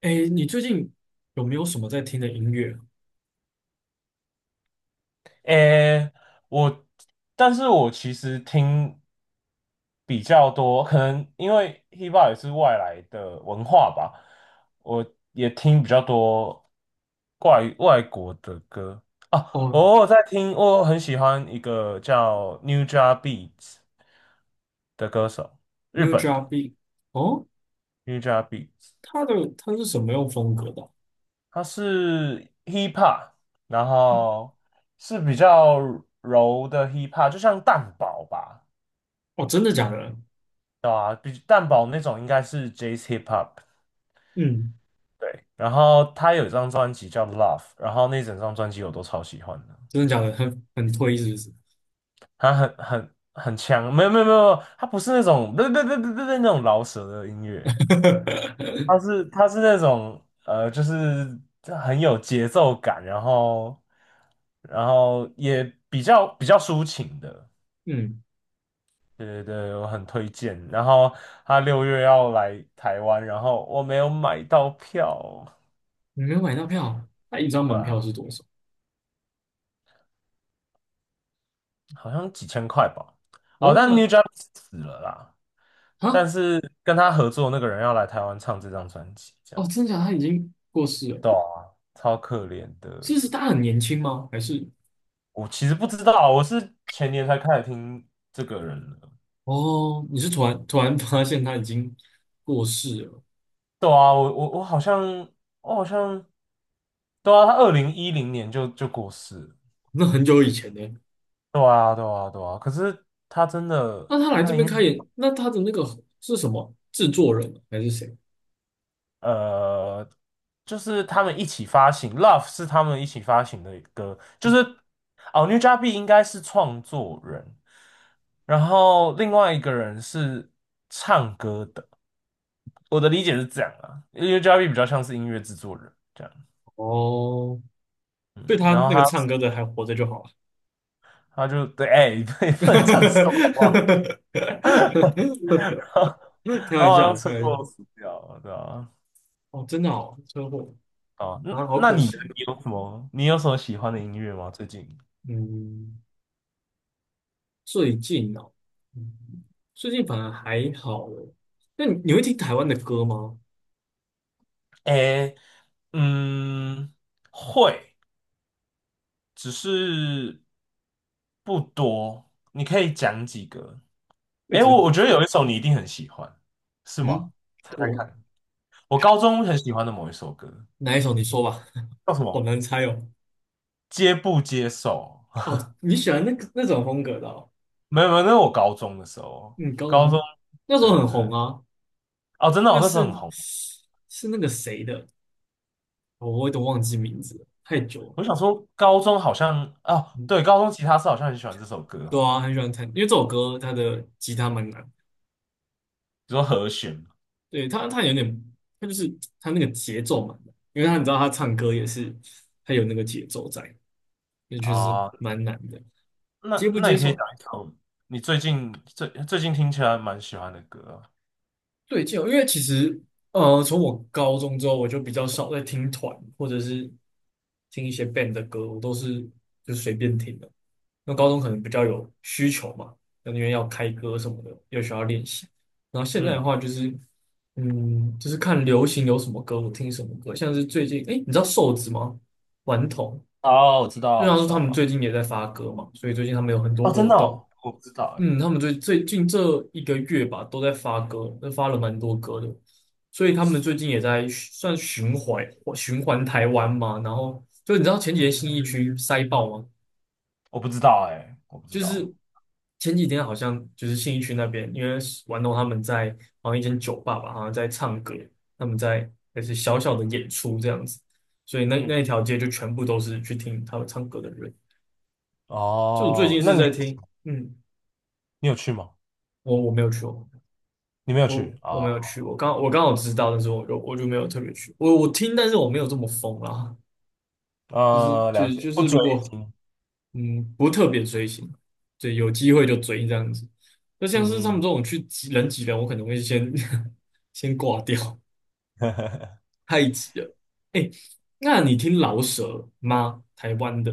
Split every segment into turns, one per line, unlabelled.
哎，你最近有没有什么在听的音乐啊？
诶，我，但是我其实听比较多，可能因为 hiphop 也是外来的文化吧，我也听比较多怪外国的歌啊。我
哦
偶尔在听，我很喜欢一个叫 Newja Beats 的歌手，日
，New
本
Drop
的
Beat。哦，
Newja Beats，
他是什么样风格的啊？
他是 hiphop，然后是比较柔的 hiphop，就像蛋堡吧。
哦，真的假的？
对啊，比蛋堡那种应该是 Jazz Hip Hop，
嗯，
对。然后他有一张专辑叫《Love》，然后那整张专辑我都超喜欢的，
真的假的？很推是不是？
他很强，没有没有没有，他不是那种不那种饶舌的音乐，他 是他是那种就是很有节奏感，然后也比较抒情的。
嗯，
对对对，我很推荐。然后他6月要来台湾，然后我没有买到票，
你没有买到票啊，他一张
对
门票
啊
是多少？
好像几千块吧。哦，
哦，
但 New
那
Jack 死了啦，
啊，
但是跟他合作那个人要来台湾唱这张专辑，这
哦，
样
真的假的？他已经过世了？
对啊超可怜的。
是他很年轻吗？还是
我其实不知道啊，我是前年才开始听这个人的。
哦，你是突然发现他已经过世了？
对啊，我好像我好像对啊，他2010年就过世了
那很久以前呢？
对啊，对啊，对啊。可是他真的，
那他来
他
这
的音
边开
乐。
演，那他的那个是什么制作人啊还是谁？
呃，就是他们一起发行，Love 是他们一起发行的歌，就是哦，New j a b i 应该是创作人，然后另外一个人是唱歌的，我的理解是这样啊，New j a b i 比较像是音乐制作人这样，
哦，
嗯，
对他
然后
那个
他
唱歌的还活着就好了。
他就对，哎、你不能这样说好不好？然后
开
然
玩
后好
笑
像
的，
车
开玩笑。
祸死掉了，对啊，
哦，真的哦，车祸
哦，那
啊，好
那
可
你呢？
惜。
你有什么喜欢的音乐吗？最近？
嗯，最近哦，嗯，最近反而还好了。那你会听台湾的歌吗？
哎。嗯，会，只是不多。你可以讲几个？
我一
诶，
直
我
不，
觉得有一首你一定很喜欢，是吗？
嗯，
猜猜
我
看，我高中很喜欢的某一首歌
哪一首你说吧。
叫什
好
么？
难猜哦。
接不接受？
哦，你喜欢那个那种风格的哦。
没有没有，那是我高中的时候，
嗯，高
高中，
中那时候
对对
很
对，
红啊。
哦，真的哦，
那
我那时候很
是
红。
是那个谁的，我有点忘记名字了，太久了。
我想说，高中好像哦，
嗯，
对，高中吉他社好像很喜欢这首歌
对
哦，
啊，很喜欢弹，因为这首歌它的吉他蛮难。
你说和弦
对，它有点，它就是它那个节奏蛮难，因为他你知道他唱歌也是，它有那个节奏在，也确实
啊，
蛮难的。
那
接不
那
接
你可以
受？
讲一首你最近听起来蛮喜欢的歌啊
对，接受。因为其实从我高中之后，我就比较少在听团或者是听一些 band 的歌，我都是就随便听的。那高中可能比较有需求嘛，那因为要开歌什么的，又需要练习。然后现在的
嗯，
话就是，嗯，就是看流行有什么歌，我听什么歌。像是最近，哎，你知道瘦子吗？顽童，
哦，我知
就
道，我
像
知
是他们
道。
最近也在发歌嘛，所以最近他们有很多
哦，真
活
的哦，
动。
我不知道哎，
嗯，他们最近这一个月吧，都在发歌，都发了蛮多歌的。所以他们最近也在算循环台湾嘛，然后就你知道前几天新义区塞爆吗？
我不知道哎，我不知
就
道。
是前几天好像就是信义区那边，因为玩弄他们在好像一间酒吧吧，好像在唱歌，他们在也是小小的演出这样子，所以那
嗯，
那一条街就全部都是去听他们唱歌的人。就我最
哦，
近
那
是
你
在
有
听，嗯，
你有去吗？
我没有去哦，
你没有去
我没
啊？
有去，我刚好知道，但是我就没有特别去，我我听，但是我没有这么疯啦。就是就
了
是
解，
就
不
是
追
如果
星。
嗯，不特别追星，对，有机会就追这样子。那像是他们
嗯
这种去挤人挤人，我可能会先 先挂掉，
嗯，
太挤了。哎，那你听饶舌吗？台湾的。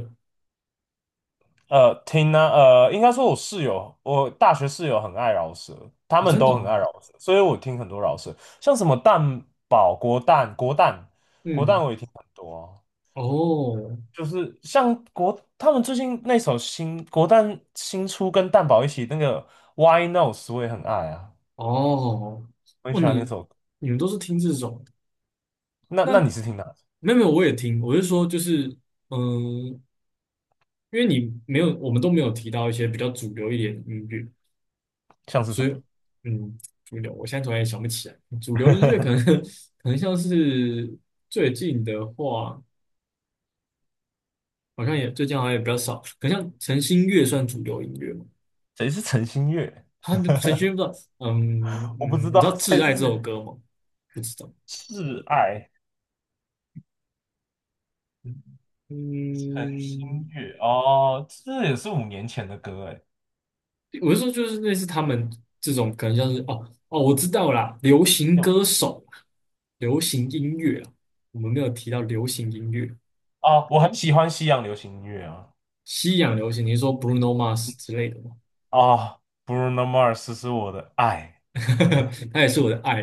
应该说我室友，我大学室友很爱饶舌，他
哦，
们
真的
都很
啊。
爱饶舌，所以我听很多饶舌，像什么蛋堡、国蛋、国蛋、国蛋，
嗯，
我也听很多啊
哦
就是像国他们最近那首新国蛋新出跟蛋宝一起那个《Why n o w s 我也很爱啊，
哦，
我很
哦，
喜欢那
你
首歌
们都是听这种？
那
那
那你是听哪首
没有没有，我也听，我是说就是嗯，因为你没有，我们都没有提到一些比较主流一点的音乐。
像是什
所以，
么？
嗯，主流，我现在突然也想不起来。主流音乐可能 可能像是最近的话，好像也最近好像也比较少，可能像陈星月算主流音乐吗？
谁是陈星月？
他陈星月不知道，嗯
我不
嗯，
知
你知道
道
《挚
谁
爱》
是
这
谁。
首歌吗？不知道。
挚爱
嗯，
陈星
嗯，
月哦，这也是5年前的歌哎。
我是说就是类似他们这种，可能像是哦哦，我知道啦，流行
有
歌手，流行音乐啊，我们没有提到流行音乐。
啊，我很喜欢西洋流行音乐啊
西洋流行，你是说 Bruno Mars 之类的吗？
啊，Bruno Mars 是我的爱，
他也是我的爱。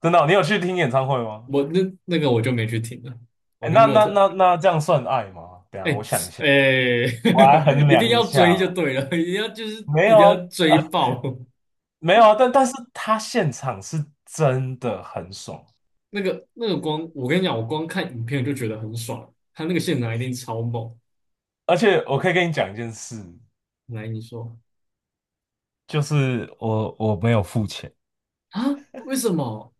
真的哦你有去听演唱会吗？
我那我就没去听了，我
哎，
就
那
没有
那
特。
那那这样算爱吗？等一
哎，
下我想一下。
哎，
我来 衡
一定
量一
要
下
追就
哦
对了，一定要就是
没
一定要
有啊，
追爆。
没有啊，但是他现场是真的很爽，
那个光，我跟你讲，我光看影片就觉得很爽，他那个现场一定超猛。
而且我可以跟你讲一件事，
来，你说
就是我没有付钱，
啊，为什么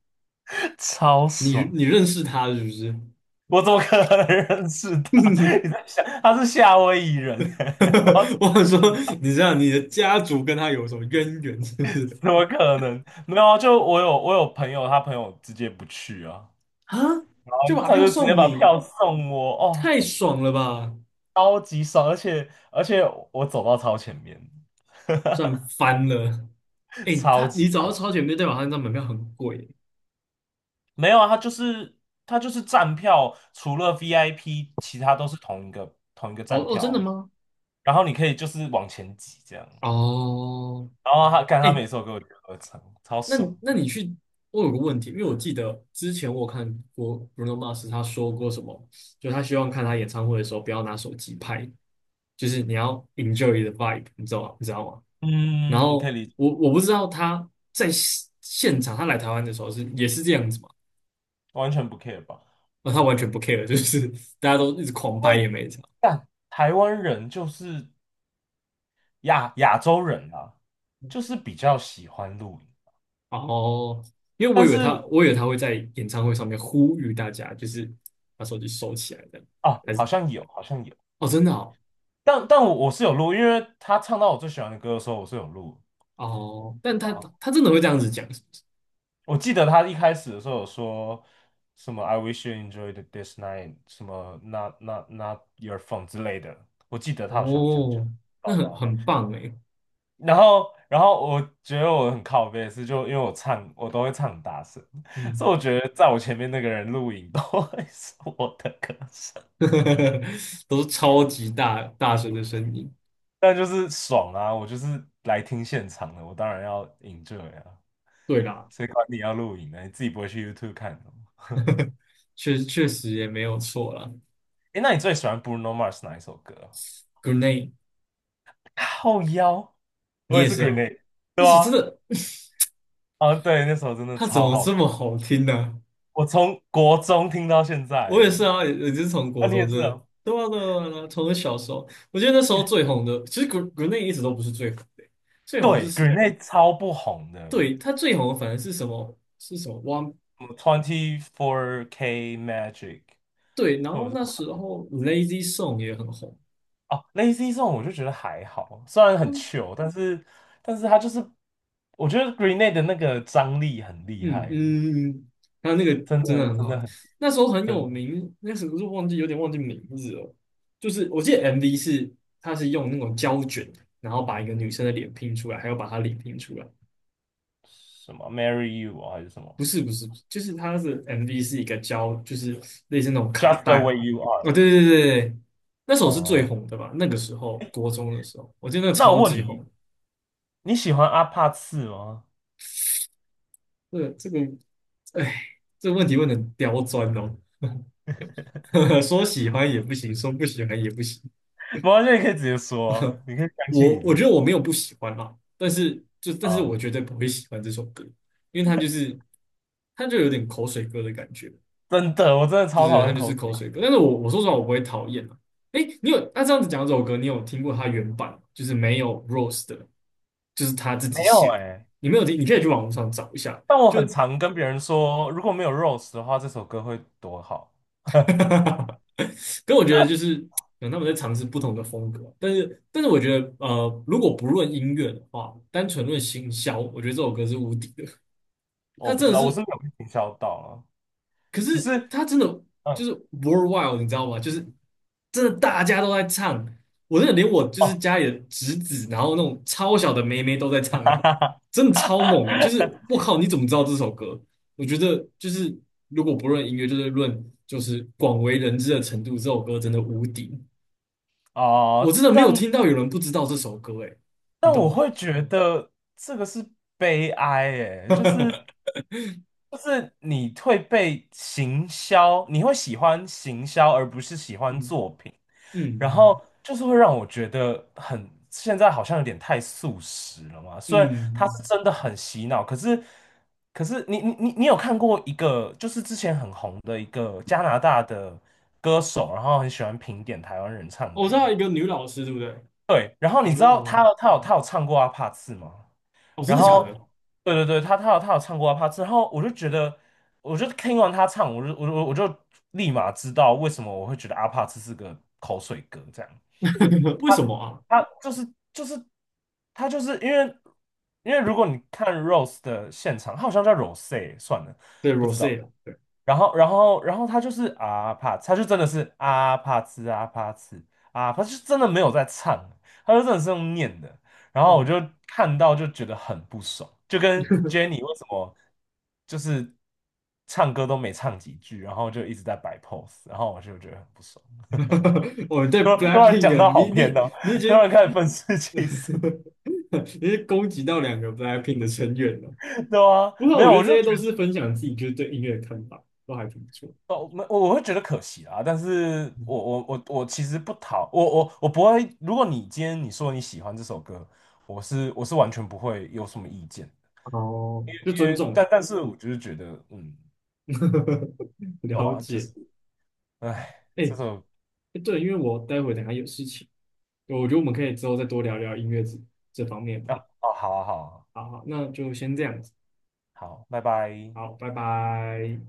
超
你
爽。
你认识他是不是？
我怎么可能认识他？你在想他是夏威夷人、欸，我
我想说，你知道你的家族跟他有什么渊源，是不是？
怎么可能？没有啊，就我有朋友，他朋友直接不去啊，
啊，就把
他
票
就直接
送
把
你。
票送我，哦，
太爽了吧！
超级爽，而且我走到超前面，
赚翻了。哎，
超
他
级。
你找到
棒。
超前面，代表他那张门票很贵。
没有啊，他就是站票，除了 VIP，其他都是同一个
哦
站
哦，
票
真的
啊，
吗？
然后你可以就是往前挤这样，
哦，
然后他
哎，
每首都给我合成，超
那
爽。
你那你去，我有个问题，因为我记得之前我有看过 Bruno Mars 他说过什么，就他希望看他演唱会的时候不要拿手机拍，就是你要 enjoy the vibe,你知道吗？你知道吗？然
嗯，可以
后
理解，
我我不知道他在现场，他来台湾的时候是也是这样子嘛？
完全不 care 吧？
那他完全不 care,就是大家都一直狂
因
拍也
为
没差。
但台湾人就是亚洲人啊，就是比较喜欢露音。
然后，因为我
但
以为
是
他，我以为他会在演唱会上面呼吁大家，就是把手机收起来这样，
啊，
还
好
是
像有，好像有，
哦，真的哦。
但我是有录，因为他唱到我最喜欢的歌的时候，我是有录。
哦，但他
啊。
他真的会这样子讲，是不是？
我记得他一开始的时候有说什么 "I wish you enjoyed this night"，什么 "not not not your phone" 之类的。我记得他好像有这样讲，
哦，那
报
很
道的。
很棒诶。
然后，我觉得我很靠背的是，就因为我唱，我都会唱很大声，所以
嗯，
我觉得在我前面那个人录影都会是我的歌声，
都是超级大大声的声音。
但就是爽啊！我就是来听现场的，我当然要 enjoy 啊，
对啦，
谁管你要录影呢？你自己不会去 YouTube 看的吗？
确确实也没有错啦。
诶，那你最喜欢 Bruno Mars 哪一首歌啊
Grenade。
后腰，
你
我也
也
是
是哦，
Grenade，
那
对
首真
啊，
的，
啊对，那首真的
它怎
超
么
好
这
听，
么好听呢？
我从国中听到现在
我也是
欸，
啊，也就是从
啊
国
你也
中真
是
的，
啊，
对啊对啊对啊从我小时候，我觉得那时候最
干
红的，其实国内一直都不是最红的，最红是
对
是，
，Grenade 超不红的，
对，它最红的反而是什么？是什么？One
什么 Twenty Four K Magic
对，然
或
后
者是
那
什
时
么
候 Lazy Song 也很红，
哦，Lazy Song 我就觉得还好，虽然很
嗯
糗，但是他就是，我觉得 Grenade 的那个张力很厉
嗯
害，
嗯，还有那个
真
真的
的
很
真的
好，
很
那时候很
真
有
的
名，那时候就忘记有点忘记名字了，就是我记得 MV 是它是用那种胶卷，然后把一个女生的脸拼出来，还有把她脸拼出来。
什么 Marry You 啊还是什
不
么
是不是不是就是它是 MV 是一个胶，就是类似那种卡
Just the
带。
way you are
哦，对
啊
对对对对，那首是最
哦。
红的吧？那个时候国中的时候，我记得那个
那
超
我问
级红。
你，你喜欢阿帕次吗？
这个这个，哎，这个问题问的刁钻哦。说喜欢也不行，说不喜欢也不行。
没关系，你可以直接说啊你可以相信
我
你
我
自
觉得
己
我没有不喜欢啦，但是就但是
啊！
我绝对不会喜欢这首歌，因为它就是它就有点口水歌的感觉。
真的，我真的
就
超
是
讨
他
厌
就
口
是口
水
水歌。
歌。
但是我说实话，我不会讨厌啊。哎，你有那，这样子讲这首歌，你有听过他原版吗？就是没有 Rose 的，就是他自己
没有
写的。
哎、
你没有听，你可以去网络上找一下。
但我
就，
很常跟别人说，如果没有 Rose 的话，这首歌会多好。
跟我觉得就是可能他们在尝试不同的风格，但是但是我觉得如果不论音乐的话，单纯论行销，我觉得这首歌是无敌的。它
我不知
真的
道，我是
是
没有被营销到啊，
可
只
是
是
他真的
嗯
就是 worldwide,你知道吗？就是真的大家都在唱，我真的连我就是
哦，
家里的侄子，然后那种超小的妹妹都在唱，欸，
哈
诶，
哈哈
真的
哈
超猛诶，欸
哈
就是
哈
我靠，你怎么知道这首歌？我觉得就是如果不论音乐，就是论就是广为人知的程度，这首歌真的无敌。我
哦，
真的没有听
但
到有人不知道这首歌，欸，诶，你
但
懂
我
吗？
会觉得这个是悲哀，诶，就是你会被行销，你会喜欢行销而不是喜欢
嗯
作品，然
嗯
后就是会让我觉得很，现在好像有点太素食了嘛。
嗯
虽然它是
嗯，
真的很洗脑，可是你有看过一个，就是之前很红的一个加拿大的歌手，然后很喜欢评点台湾人唱
我
歌。
知道一个女老师，对不对？
对，然后
我
你知
知道
道
吗？
他有唱过阿帕茨吗？
哦，真
然
的假
后，
的？
对对对，他有唱过阿帕茨，然后我就觉得，我就听完他唱，我就立马知道为什么我会觉得阿帕茨是个口水歌这样。
为什么啊？
他就是就是他就是因为如果你看 Rose 的现场，他好像叫 Rose 算了，
对
不知
Rosé
道。
了，对。
然后他就真的是啊帕兹啊帕兹啊他就真的没有在唱，他就真的是用念的。然后我
嗯，
就看到就觉得很不爽，就跟 Jenny 为什么就是唱歌都没唱几句，然后就一直在摆 pose，然后我就觉得很不爽。
我们对
突然
Blackpink
讲
的
到好
你
偏
你
哦，
你已
突
经
然开始愤世嫉俗，
你已经攻击到两个 Blackpink 的成员了。
对啊，
不过
没
我
有，
觉得
我
这
就
些都是分享自己就是对音乐的看法，都还挺不错。
哦，我会觉得可惜啊，但是我其实不讨我我我不会。如果你今天你说你喜欢这首歌，我是完全不会有什么意见，
哦，就
因
尊
为
重，
但是我就是觉得，嗯，对
了
啊，就
解。
是，哎，
哎，
这首
哎对，因为我待会等一下有事情，我觉得我们可以之后再多聊聊音乐这这方面的。
啊，哦，好啊，好啊，
好好，那就先这样子，
好，拜拜。
好，拜拜。